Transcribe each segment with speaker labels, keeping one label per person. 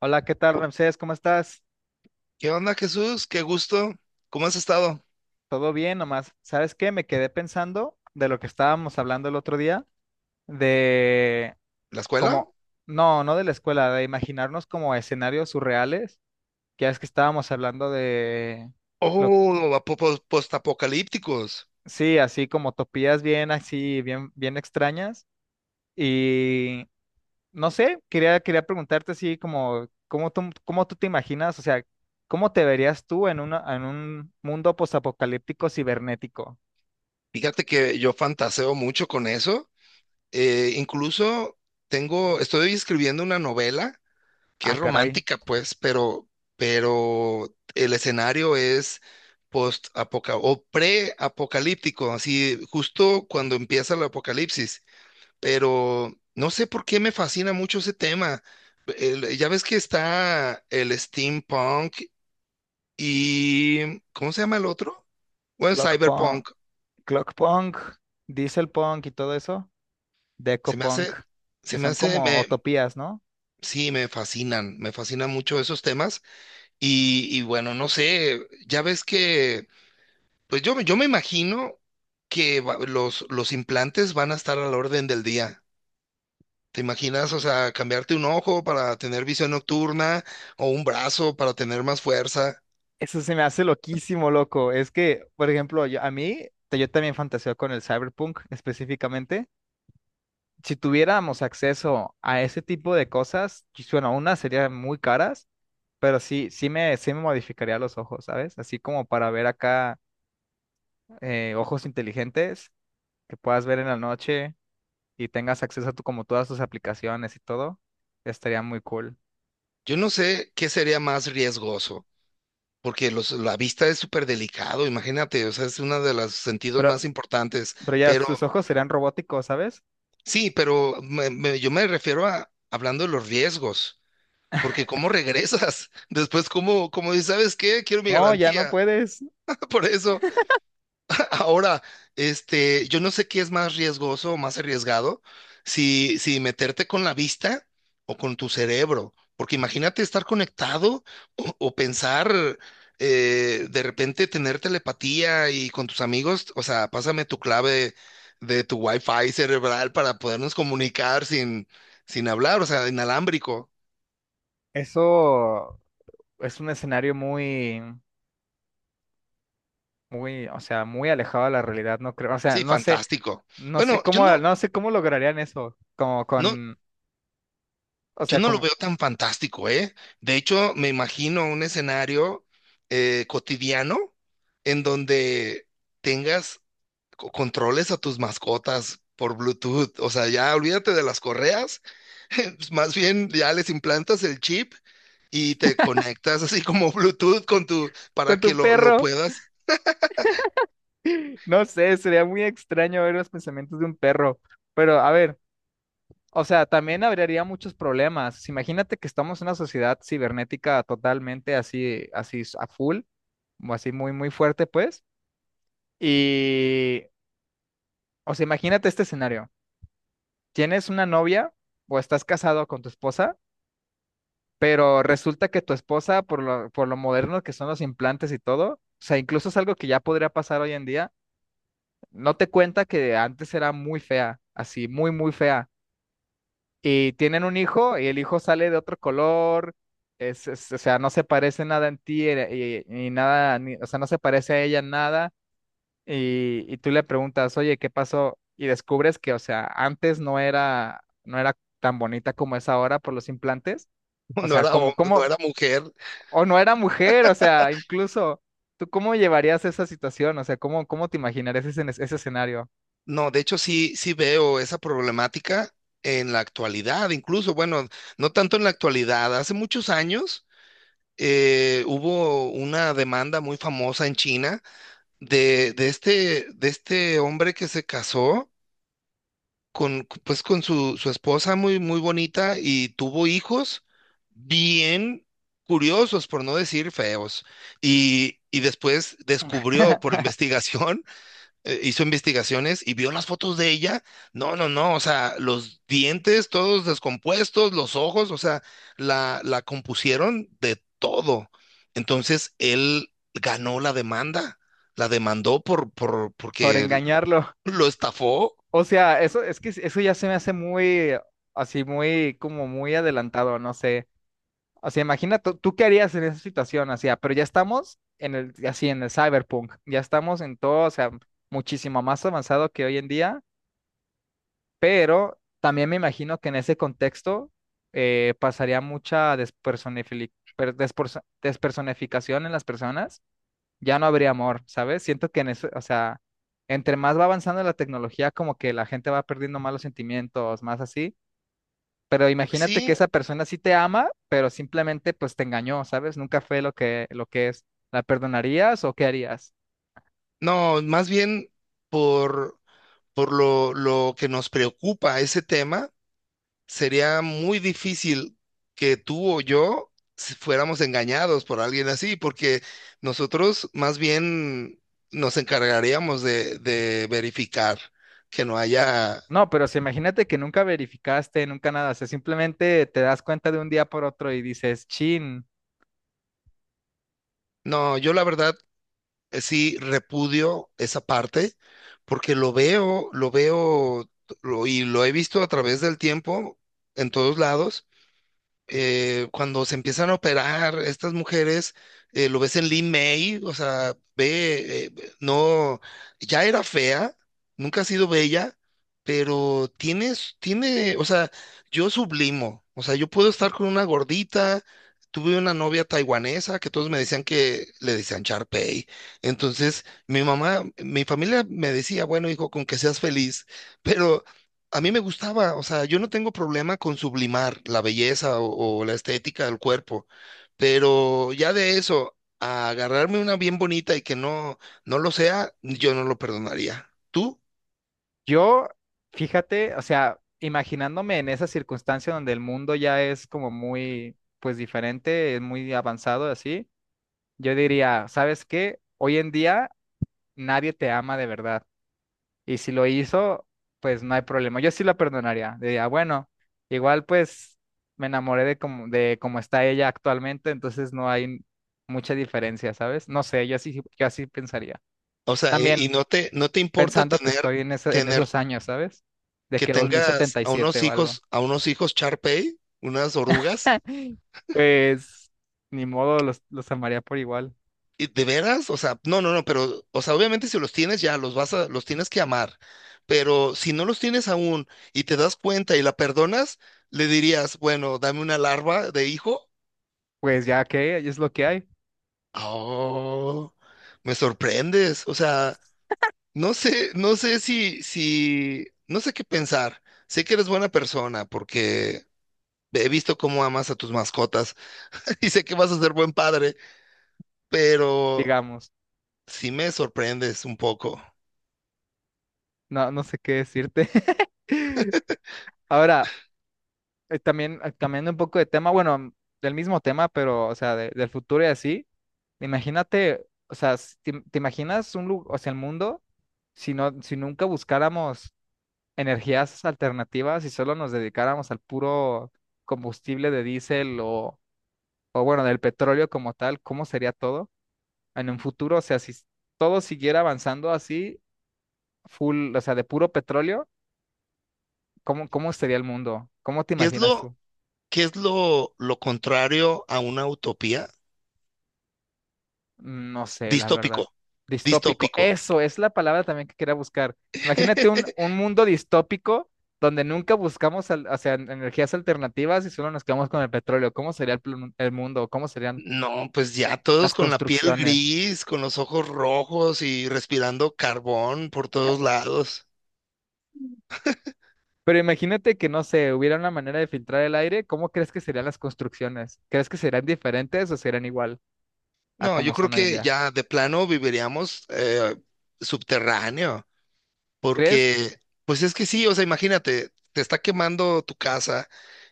Speaker 1: Hola, ¿qué tal, Ramsés? ¿Cómo estás?
Speaker 2: ¿Qué onda, Jesús? Qué gusto. ¿Cómo has estado?
Speaker 1: ¿Todo bien nomás? ¿Sabes qué? Me quedé pensando de lo que estábamos hablando el otro día, de
Speaker 2: ¿La escuela?
Speaker 1: como, no, no de la escuela, de imaginarnos como escenarios surreales, que es que estábamos hablando de, lo,
Speaker 2: Oh, a postapocalípticos.
Speaker 1: sí, así como utopías bien así, bien extrañas, y no sé, quería preguntarte así como, ¿cómo tú te imaginas? O sea, ¿cómo te verías tú en una, en un mundo postapocalíptico cibernético?
Speaker 2: Fíjate que yo fantaseo mucho con eso. Incluso tengo, estoy escribiendo una novela que es
Speaker 1: Ah, caray.
Speaker 2: romántica, pues, pero el escenario es post o pre-apocalíptico, así justo cuando empieza el apocalipsis. Pero no sé por qué me fascina mucho ese tema. Ya ves que está el steampunk, y ¿cómo se llama el otro? Bueno,
Speaker 1: Clock Punk,
Speaker 2: cyberpunk.
Speaker 1: Clock Punk, Diesel Punk y todo eso, Deco
Speaker 2: Se me
Speaker 1: Punk,
Speaker 2: hace,
Speaker 1: que
Speaker 2: se me
Speaker 1: son
Speaker 2: hace,
Speaker 1: como
Speaker 2: me,
Speaker 1: utopías, ¿no?
Speaker 2: sí, me fascinan mucho esos temas. Y bueno, no sé, ya ves que, pues yo, yo me imagino que los implantes van a estar a la orden del día. ¿Te imaginas, o sea, cambiarte un ojo para tener visión nocturna o un brazo para tener más fuerza?
Speaker 1: Eso se me hace loquísimo, loco. Es que, por ejemplo, a mí, yo también fantaseo con el cyberpunk específicamente. Si tuviéramos acceso a ese tipo de cosas, bueno, unas serían muy caras, pero sí, sí me modificaría los ojos, ¿sabes? Así como para ver acá ojos inteligentes que puedas ver en la noche y tengas acceso a tu, como todas tus aplicaciones y todo, estaría muy cool.
Speaker 2: Yo no sé qué sería más riesgoso, porque la vista es súper delicado, imagínate, o sea, es uno de los sentidos
Speaker 1: Pero,
Speaker 2: más importantes,
Speaker 1: pero ya
Speaker 2: pero
Speaker 1: tus ojos serían robóticos, ¿sabes?
Speaker 2: sí, pero yo me refiero a hablando de los riesgos, porque ¿cómo regresas? Después, cómo dices, ¿sabes qué? Quiero mi
Speaker 1: No, ya no
Speaker 2: garantía,
Speaker 1: puedes.
Speaker 2: por eso. Ahora, yo no sé qué es más riesgoso o más arriesgado, si meterte con la vista o con tu cerebro, porque imagínate estar conectado o pensar, de repente tener telepatía y con tus amigos, o sea, pásame tu clave de tu wifi cerebral para podernos comunicar sin, sin hablar, o sea, inalámbrico.
Speaker 1: Eso es un escenario muy, muy, o sea, muy alejado de la realidad, no creo. O sea,
Speaker 2: Sí,
Speaker 1: no sé,
Speaker 2: fantástico. Bueno, yo no,
Speaker 1: no sé cómo lograrían eso, como
Speaker 2: no,
Speaker 1: con, o
Speaker 2: Yo
Speaker 1: sea,
Speaker 2: no lo
Speaker 1: como
Speaker 2: veo tan fantástico, ¿eh? De hecho, me imagino un escenario cotidiano en donde tengas controles a tus mascotas por Bluetooth. O sea, ya olvídate de las correas, pues, más bien ya les implantas el chip y te conectas así como Bluetooth con tu, para
Speaker 1: con
Speaker 2: que
Speaker 1: tu
Speaker 2: lo
Speaker 1: perro.
Speaker 2: puedas.
Speaker 1: No sé, sería muy extraño ver los pensamientos de un perro. Pero a ver. O sea, también habría muchos problemas. Imagínate que estamos en una sociedad cibernética totalmente así, así a full, o así muy, muy fuerte, pues. Y, o sea, imagínate este escenario. Tienes una novia o estás casado con tu esposa, pero resulta que tu esposa, por lo moderno que son los implantes y todo, o sea, incluso es algo que ya podría pasar hoy en día, no te cuenta que antes era muy fea, así, muy, muy fea y tienen un hijo y el hijo sale de otro color, o sea, no se parece nada en ti y nada, o sea, no se parece a ella en nada y, y tú le preguntas, oye, ¿qué pasó? Y descubres que, o sea, antes no era, no era tan bonita como es ahora por los implantes, o
Speaker 2: No
Speaker 1: sea,
Speaker 2: era, no
Speaker 1: como,
Speaker 2: era mujer.
Speaker 1: o no era mujer, o sea, incluso, ¿tú cómo llevarías esa situación? O sea, ¿cómo, cómo te imaginarías ese, ese escenario?
Speaker 2: No, de hecho sí, sí veo esa problemática en la actualidad, incluso, bueno, no tanto en la actualidad, hace muchos años. Hubo una demanda muy famosa en China de de este hombre que se casó con, pues, con su esposa muy, muy bonita y tuvo hijos bien curiosos, por no decir feos, y después descubrió por investigación. Hizo investigaciones y vio las fotos de ella. No, no, no, o sea, los dientes todos descompuestos, los ojos, o sea, la compusieron de todo. Entonces, él ganó la demanda, la demandó
Speaker 1: Por
Speaker 2: porque
Speaker 1: engañarlo.
Speaker 2: lo estafó.
Speaker 1: O sea, eso es que eso ya se me hace muy, así, muy, como muy adelantado, no sé. O sea, imagina tú, tú qué harías en esa situación, así, ah, pero ya estamos en el, así, en el cyberpunk, ya estamos en todo, o sea, muchísimo más avanzado que hoy en día, pero también me imagino que en ese contexto pasaría mucha despersonificación en las personas ya no habría amor, ¿sabes? Siento que en eso, o sea, entre más va avanzando la tecnología, como que la gente va perdiendo más los sentimientos, más así. Pero
Speaker 2: Pues
Speaker 1: imagínate que
Speaker 2: sí,
Speaker 1: esa persona sí te ama, pero simplemente pues te engañó, ¿sabes? Nunca fue lo que es. ¿La perdonarías o qué harías?
Speaker 2: no, más bien por, por lo que nos preocupa ese tema sería muy difícil que tú o yo fuéramos engañados por alguien así, porque nosotros más bien nos encargaríamos de verificar que no haya...
Speaker 1: No, pero si imagínate que nunca verificaste, nunca nada, o sea, simplemente te das cuenta de un día por otro y dices, chin.
Speaker 2: No, yo la verdad, sí repudio esa parte, porque lo veo, lo veo, y lo he visto a través del tiempo en todos lados. Cuando se empiezan a operar estas mujeres, lo ves en Lin May, o sea, ve, no, ya era fea, nunca ha sido bella, pero tiene, o sea, yo sublimo, o sea, yo puedo estar con una gordita. Tuve una novia taiwanesa que todos me decían que le decían Charpey. Entonces, mi mamá, mi familia me decía, bueno, hijo, con que seas feliz. Pero a mí me gustaba, o sea, yo no tengo problema con sublimar la belleza o la estética del cuerpo, pero ya de eso, a agarrarme una bien bonita y que no, no lo sea, yo no lo perdonaría. ¿Tú?
Speaker 1: Yo, fíjate, o sea, imaginándome en esa circunstancia donde el mundo ya es como muy, pues diferente, es muy avanzado así, yo diría, ¿sabes qué? Hoy en día nadie te ama de verdad. Y si lo hizo, pues no hay problema. Yo sí la perdonaría. Diría, bueno, igual pues me enamoré de como, de cómo está ella actualmente, entonces no hay mucha diferencia, ¿sabes? No sé, yo así pensaría.
Speaker 2: O sea, y
Speaker 1: También
Speaker 2: no te importa
Speaker 1: pensando que
Speaker 2: tener,
Speaker 1: estoy en, en
Speaker 2: tener
Speaker 1: esos años, ¿sabes? De
Speaker 2: que
Speaker 1: que dos mil
Speaker 2: tengas
Speaker 1: setenta y siete o algo.
Speaker 2: a unos hijos Shar Pei, unas orugas.
Speaker 1: Pues ni modo, los amaría por igual.
Speaker 2: ¿Y ¿De veras? O sea, no, no, no, pero, o sea, obviamente si los tienes ya, los tienes que amar. Pero si no los tienes aún y te das cuenta y la perdonas, le dirías, bueno, dame una larva de hijo.
Speaker 1: Pues ya que es lo que hay,
Speaker 2: Oh, me sorprendes. O sea, no sé, no sé qué pensar. Sé que eres buena persona porque he visto cómo amas a tus mascotas y sé que vas a ser buen padre, pero
Speaker 1: digamos.
Speaker 2: sí me sorprendes un poco.
Speaker 1: No, no sé qué decirte. Ahora, también cambiando un poco de tema, del mismo tema, pero, o sea, del futuro y así. Imagínate, o sea, si te, te imaginas un lugar, o sea, el mundo, si no, si nunca buscáramos energías alternativas y solo nos dedicáramos al puro combustible de diésel o bueno, del petróleo como tal, ¿cómo sería todo en un futuro? O sea, si s- todo siguiera avanzando así, full, o sea, de puro petróleo, ¿cómo, cómo sería el mundo? ¿Cómo te
Speaker 2: ¿Qué es
Speaker 1: imaginas
Speaker 2: lo?
Speaker 1: tú?
Speaker 2: ¿Qué es lo contrario a una utopía?
Speaker 1: No sé, la
Speaker 2: Distópico,
Speaker 1: verdad. Distópico.
Speaker 2: distópico.
Speaker 1: Eso es la palabra también que quería buscar. Imagínate un mundo distópico donde nunca buscamos, o sea, energías alternativas y solo nos quedamos con el petróleo. ¿Cómo sería el, el mundo? ¿Cómo serían
Speaker 2: No, pues ya todos
Speaker 1: las
Speaker 2: con la piel
Speaker 1: construcciones?
Speaker 2: gris, con los ojos rojos y respirando carbón por todos lados.
Speaker 1: Pero imagínate que, no sé, hubiera una manera de filtrar el aire, ¿cómo crees que serían las construcciones? ¿Crees que serían diferentes o serían igual a
Speaker 2: No, yo
Speaker 1: como
Speaker 2: creo
Speaker 1: son hoy en
Speaker 2: que
Speaker 1: día?
Speaker 2: ya de plano viviríamos, subterráneo.
Speaker 1: ¿Crees?
Speaker 2: Porque, pues es que sí, o sea, imagínate, te está quemando tu casa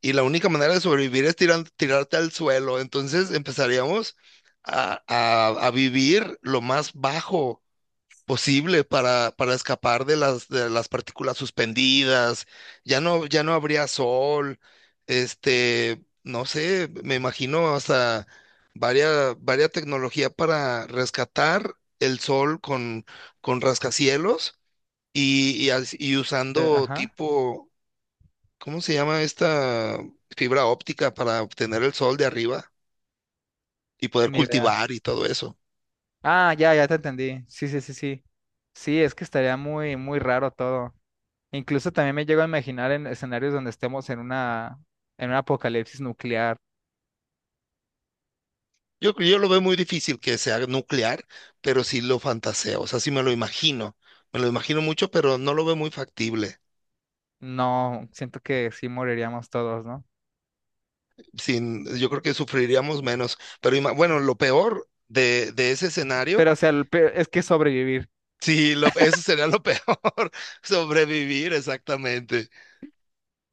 Speaker 2: y la única manera de sobrevivir es tirarte al suelo. Entonces empezaríamos a, a vivir lo más bajo posible para escapar de las partículas suspendidas. Ya no, ya no habría sol. No sé, me imagino hasta varias tecnología para rescatar el sol con rascacielos y y usando
Speaker 1: Ajá,
Speaker 2: tipo, ¿cómo se llama esta fibra óptica para obtener el sol de arriba y poder
Speaker 1: ni idea.
Speaker 2: cultivar y todo eso?
Speaker 1: Ah, ya, ya te entendí. Sí, sí, sí, sí. Sí, es que estaría muy, muy raro todo. Incluso también me llego a imaginar en escenarios donde estemos en una, en un apocalipsis nuclear.
Speaker 2: Yo lo veo muy difícil que sea nuclear, pero sí lo fantaseo, o sea, sí me lo imagino mucho, pero no lo veo muy factible.
Speaker 1: No, siento que sí moriríamos todos, ¿no?
Speaker 2: Sin, yo creo que sufriríamos menos, pero bueno, lo peor de ese escenario,
Speaker 1: Pero, o sea, es que sobrevivir.
Speaker 2: sí, lo, eso sería lo peor, sobrevivir exactamente.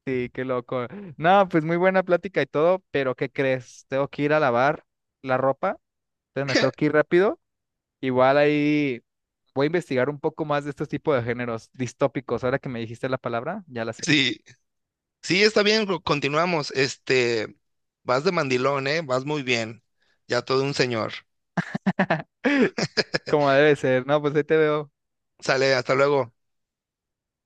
Speaker 1: Sí, qué loco. No, pues muy buena plática y todo, pero ¿qué crees? Tengo que ir a lavar la ropa, entonces me tengo que ir rápido. Igual ahí voy a investigar un poco más de estos tipos de géneros distópicos. Ahora que me dijiste la palabra, ya la sé.
Speaker 2: Sí, sí, está bien, continuamos. Vas de mandilón, ¿eh? Vas muy bien. Ya todo un señor.
Speaker 1: Como debe ser, ¿no? Pues ahí te veo.
Speaker 2: Sale, hasta luego.